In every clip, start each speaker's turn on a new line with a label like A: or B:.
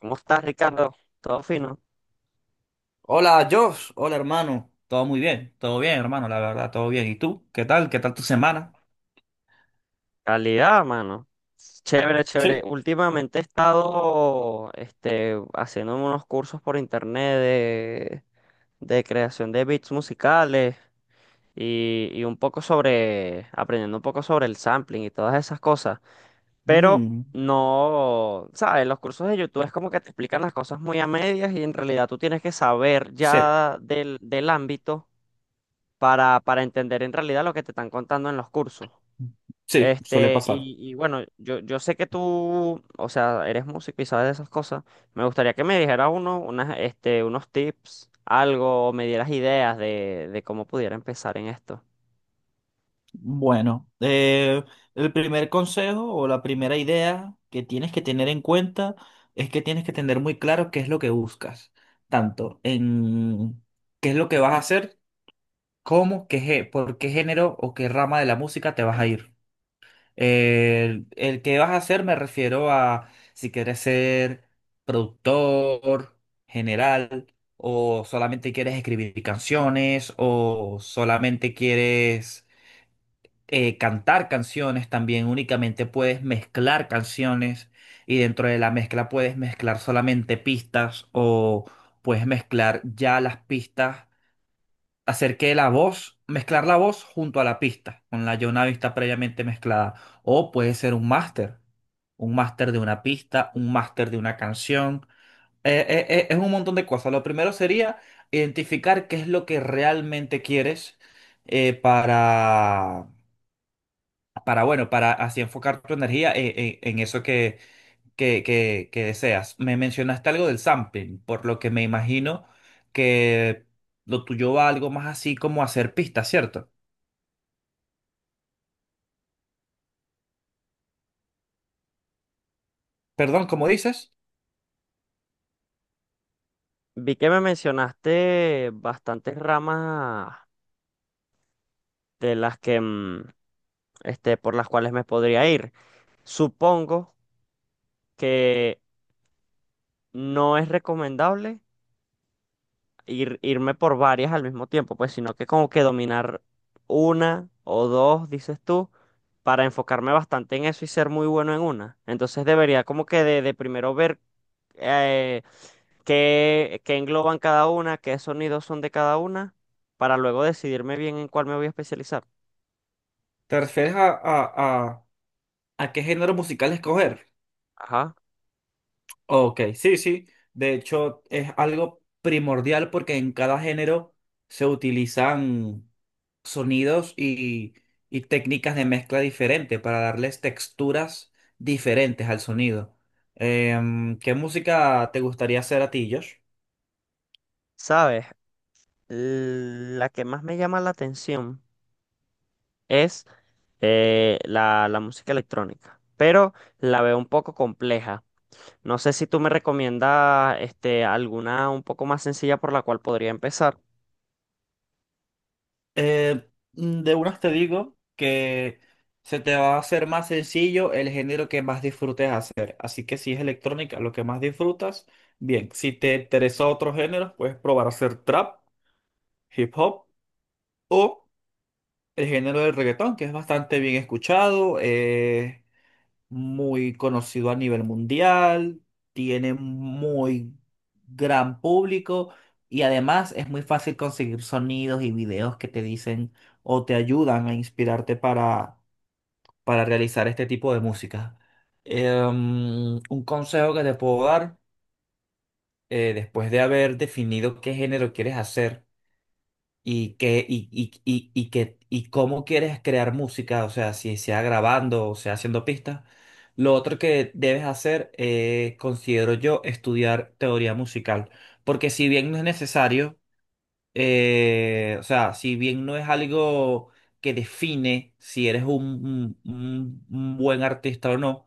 A: ¿Cómo estás, Ricardo? ¿Todo fino?
B: Hola, Josh. Hola, hermano. Todo muy bien. Todo bien, hermano, la verdad, todo bien. ¿Y tú? ¿Qué tal? ¿Qué tal tu semana?
A: Calidad, mano. Chévere, chévere.
B: Sí.
A: Últimamente he estado haciendo unos cursos por internet de creación de beats musicales y un poco sobre, aprendiendo un poco sobre el sampling y todas esas cosas. Pero
B: Mm,
A: no, ¿sabes? Los cursos de YouTube es como que te explican las cosas muy a medias y en realidad tú tienes que saber
B: sí,
A: ya del ámbito para entender en realidad lo que te están contando en los cursos.
B: sí, suele pasar.
A: Bueno, yo sé que tú, o sea, eres músico y sabes de esas cosas. Me gustaría que me dijeras unos tips, algo, o me dieras ideas de cómo pudiera empezar en esto.
B: bueno, eh, el primer consejo o la primera idea que tienes que tener en cuenta es que tienes que tener muy claro qué es lo que buscas, tanto en qué es lo que vas a hacer como qué, por qué género o qué rama de la música te vas a ir. El que vas a hacer me refiero a si quieres ser productor general o solamente quieres escribir canciones o solamente quieres cantar canciones, también únicamente puedes mezclar canciones y dentro de la mezcla puedes mezclar solamente pistas o puedes mezclar ya las pistas hacer que la voz, mezclar la voz junto a la pista, con la ya una pista previamente mezclada. O puede ser un máster de una pista, un máster de una canción. Es un montón de cosas. Lo primero sería identificar qué es lo que realmente quieres eh, para, para, bueno, para así enfocar tu energía en eso que deseas. Me mencionaste algo del sampling, por lo que me imagino que lo tuyo va algo más así como hacer pistas, ¿cierto? Perdón, ¿cómo dices?
A: Vi que me mencionaste bastantes ramas de las que, por las cuales me podría ir. Supongo que no es recomendable irme por varias al mismo tiempo, pues, sino que como que dominar una o dos, dices tú, para enfocarme bastante en eso y ser muy bueno en una. Entonces debería como que de primero ver eh, qué engloban cada una, qué sonidos son de cada una, para luego decidirme bien en cuál me voy a especializar.
B: ¿Te refieres a, a qué género musical escoger?
A: Ajá.
B: Ok, sí, sí. De hecho, es algo primordial porque en cada género se utilizan sonidos y técnicas de mezcla diferentes para darles texturas diferentes al sonido. ¿Qué música te gustaría hacer a ti, Josh?
A: ¿Sabes? La que más me llama la atención es la música electrónica, pero la veo un poco compleja. No sé si tú me recomiendas alguna un poco más sencilla por la cual podría empezar.
B: Eh, de unas te digo que se te va a hacer más sencillo el género que más disfrutes hacer. Así que si es electrónica lo que más disfrutas, bien. Si te interesa otro género, puedes probar a hacer trap, hip hop o el género del reggaetón, que es bastante bien escuchado. Muy conocido a nivel mundial, tiene muy gran público y además es muy fácil conseguir sonidos y videos que te dicen o te ayudan a inspirarte para realizar este tipo de música. Un consejo que te puedo dar, después de haber definido qué género quieres hacer, y que y que y cómo quieres crear música, o sea, si sea grabando o sea haciendo pistas. Lo otro que debes hacer, considero yo, estudiar teoría musical, porque si bien no es necesario, o sea, si bien no es algo que define si eres un buen artista o no,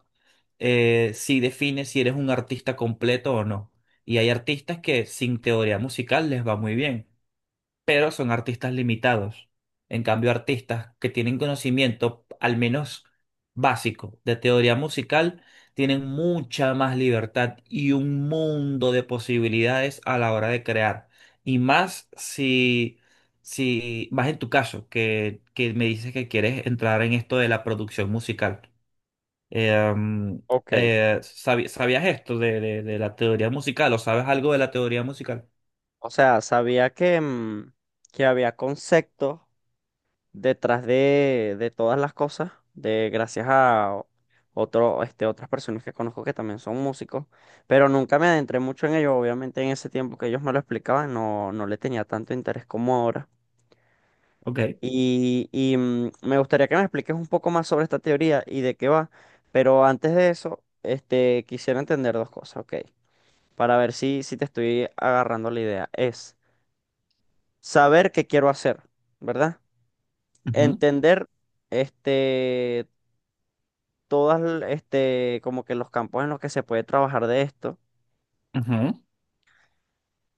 B: sí define si eres un artista completo o no. Y hay artistas que sin teoría musical les va muy bien pero son artistas limitados. En cambio, artistas que tienen conocimiento, al menos básico, de teoría musical, tienen mucha más libertad y un mundo de posibilidades a la hora de crear. Y más si, si más en tu caso, que me dices que quieres entrar en esto de la producción musical. Eh,
A: Ok.
B: ¿Sabías esto de, de la teoría musical o sabes algo de la teoría musical?
A: O sea, sabía que, que había conceptos detrás de todas las cosas, de gracias a otras personas que conozco que también son músicos, pero nunca me adentré mucho en ello. Obviamente en ese tiempo que ellos me lo explicaban, no, no le tenía tanto interés como ahora.
B: Ok.
A: Me gustaría que me expliques un poco más sobre esta teoría y de qué va, pero antes de eso, quisiera entender dos cosas, ¿ok? Para ver si, si te estoy agarrando la idea. Es saber qué quiero hacer, ¿verdad?
B: Ujú,
A: Entender, este, como que los campos en los que se puede trabajar de esto.
B: ujú.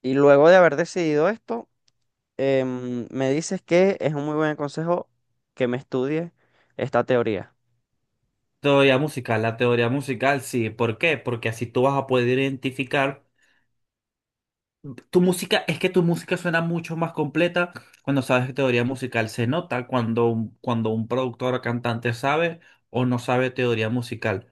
A: Y luego de haber decidido esto, me dices que es un muy buen consejo que me estudie esta teoría.
B: Teoría musical, la teoría musical, sí. ¿Por qué? Porque así tú vas a poder identificar. Tu música, es que tu música suena mucho más completa cuando sabes teoría musical. Se nota cuando, cuando un productor o cantante sabe o no sabe teoría musical.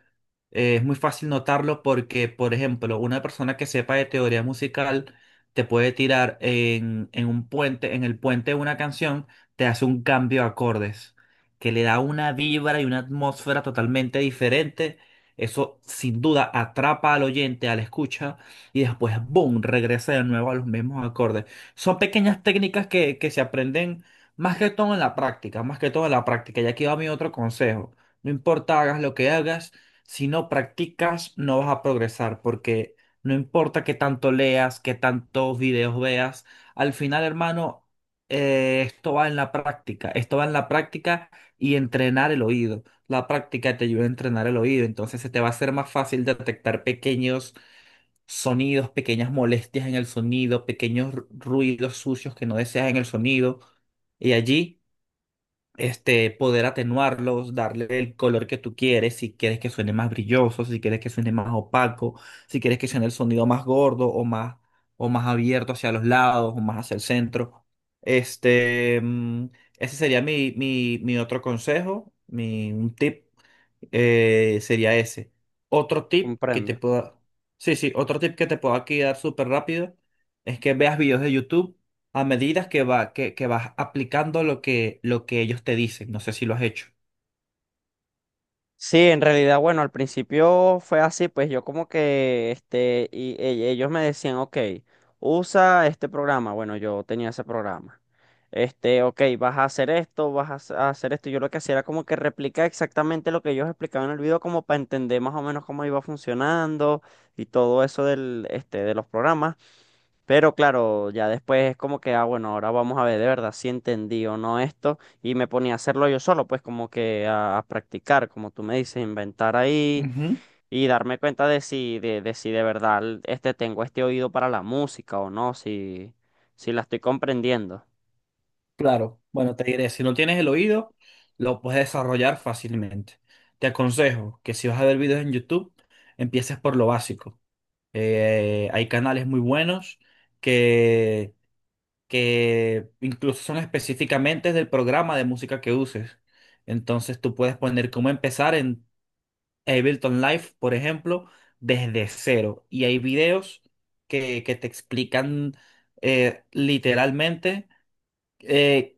B: Es muy fácil notarlo porque, por ejemplo, una persona que sepa de teoría musical te puede tirar en un puente, en el puente de una canción, te hace un cambio de acordes que le da una vibra y una atmósfera totalmente diferente. Eso sin duda atrapa al oyente, al escucha y después, boom, regresa de nuevo a los mismos acordes. Son pequeñas técnicas que se aprenden más que todo en la práctica, más que todo en la práctica. Y aquí va mi otro consejo. No importa hagas lo que hagas, si no practicas, no vas a progresar, porque no importa qué tanto leas, qué tantos videos veas, al final, hermano, esto va en la práctica, esto va en la práctica y entrenar el oído. La práctica te ayuda a entrenar el oído, entonces se te va a hacer más fácil detectar pequeños sonidos, pequeñas molestias en el sonido, pequeños ruidos sucios que no deseas en el sonido, y allí este, poder atenuarlos, darle el color que tú quieres, si quieres que suene más brilloso, si quieres que suene más opaco, si quieres que suene el sonido más gordo o más abierto hacia los lados o más hacia el centro. Este, mm, Ese sería mi otro consejo, mi, un tip sería ese. Otro tip que te
A: Comprendo.
B: pueda, sí, sí, otro tip que te puedo aquí dar súper rápido es que veas videos de YouTube a medida que que vas aplicando lo que ellos te dicen. No sé si lo has hecho.
A: Sí, en realidad, bueno, al principio fue así, pues yo como que, ellos me decían, ok, usa este programa, bueno, yo tenía ese programa, ok, vas a hacer esto, vas a hacer esto, yo lo que hacía era como que replicar exactamente lo que ellos explicaban en el video, como para entender más o menos cómo iba funcionando y todo eso de los programas. Pero claro, ya después es como que, ah, bueno, ahora vamos a ver de verdad si entendí o no esto. Y me ponía a hacerlo yo solo, pues como que a practicar, como tú me dices, inventar ahí
B: Ujú.
A: y darme cuenta de si de verdad tengo este oído para la música o no, si, si la estoy comprendiendo.
B: Claro, bueno, te diré, si no tienes el oído, lo puedes desarrollar fácilmente. Te aconsejo que si vas a ver videos en YouTube, empieces por lo básico. Hay canales muy buenos que incluso son específicamente del programa de música que uses. Entonces tú puedes poner cómo empezar en Ableton Live, por ejemplo, desde cero. Y hay videos que te explican literalmente eh,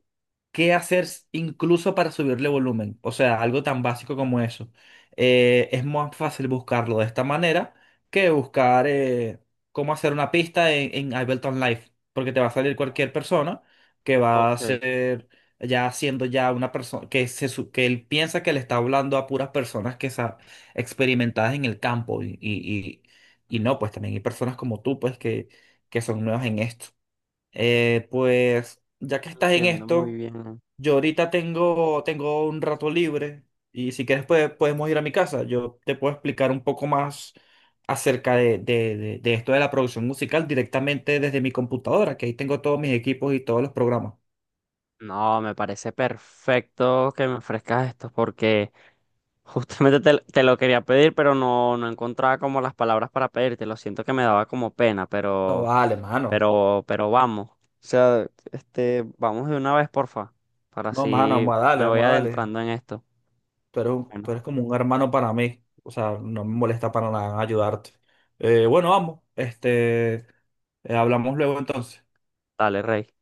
B: qué hacer incluso para subirle volumen. O sea, algo tan básico como eso. Es más fácil buscarlo de esta manera que buscar cómo hacer una pista en Ableton Live, porque te va a salir cualquier persona que va a
A: Ok,
B: ser ya siendo ya una persona que que él piensa que le está hablando a puras personas que experimentadas en el campo y y no, pues también hay personas como tú pues que son nuevas en esto. Pues ya que estás en
A: entiendo muy
B: esto,
A: bien.
B: yo ahorita tengo, tengo un rato libre y si quieres podemos ir a mi casa. Yo te puedo explicar un poco más acerca de, de esto de la producción musical directamente desde mi computadora, que ahí tengo todos mis equipos y todos los programas.
A: No, me parece perfecto que me ofrezcas esto porque... Justamente te lo quería pedir, pero no, no encontraba como las palabras para pedirte. Lo siento que me daba como pena,
B: No, vale, mano.
A: pero vamos. O sea, vamos de una vez, porfa, para
B: No, mano,
A: así
B: vamos a darle,
A: me voy
B: vamos a darle.
A: adentrando en esto.
B: Tú eres, tú
A: Bueno,
B: eres como un hermano para mí. O sea, no me molesta para nada ayudarte. Bueno, vamos. Este, hablamos luego entonces.
A: dale, Rey.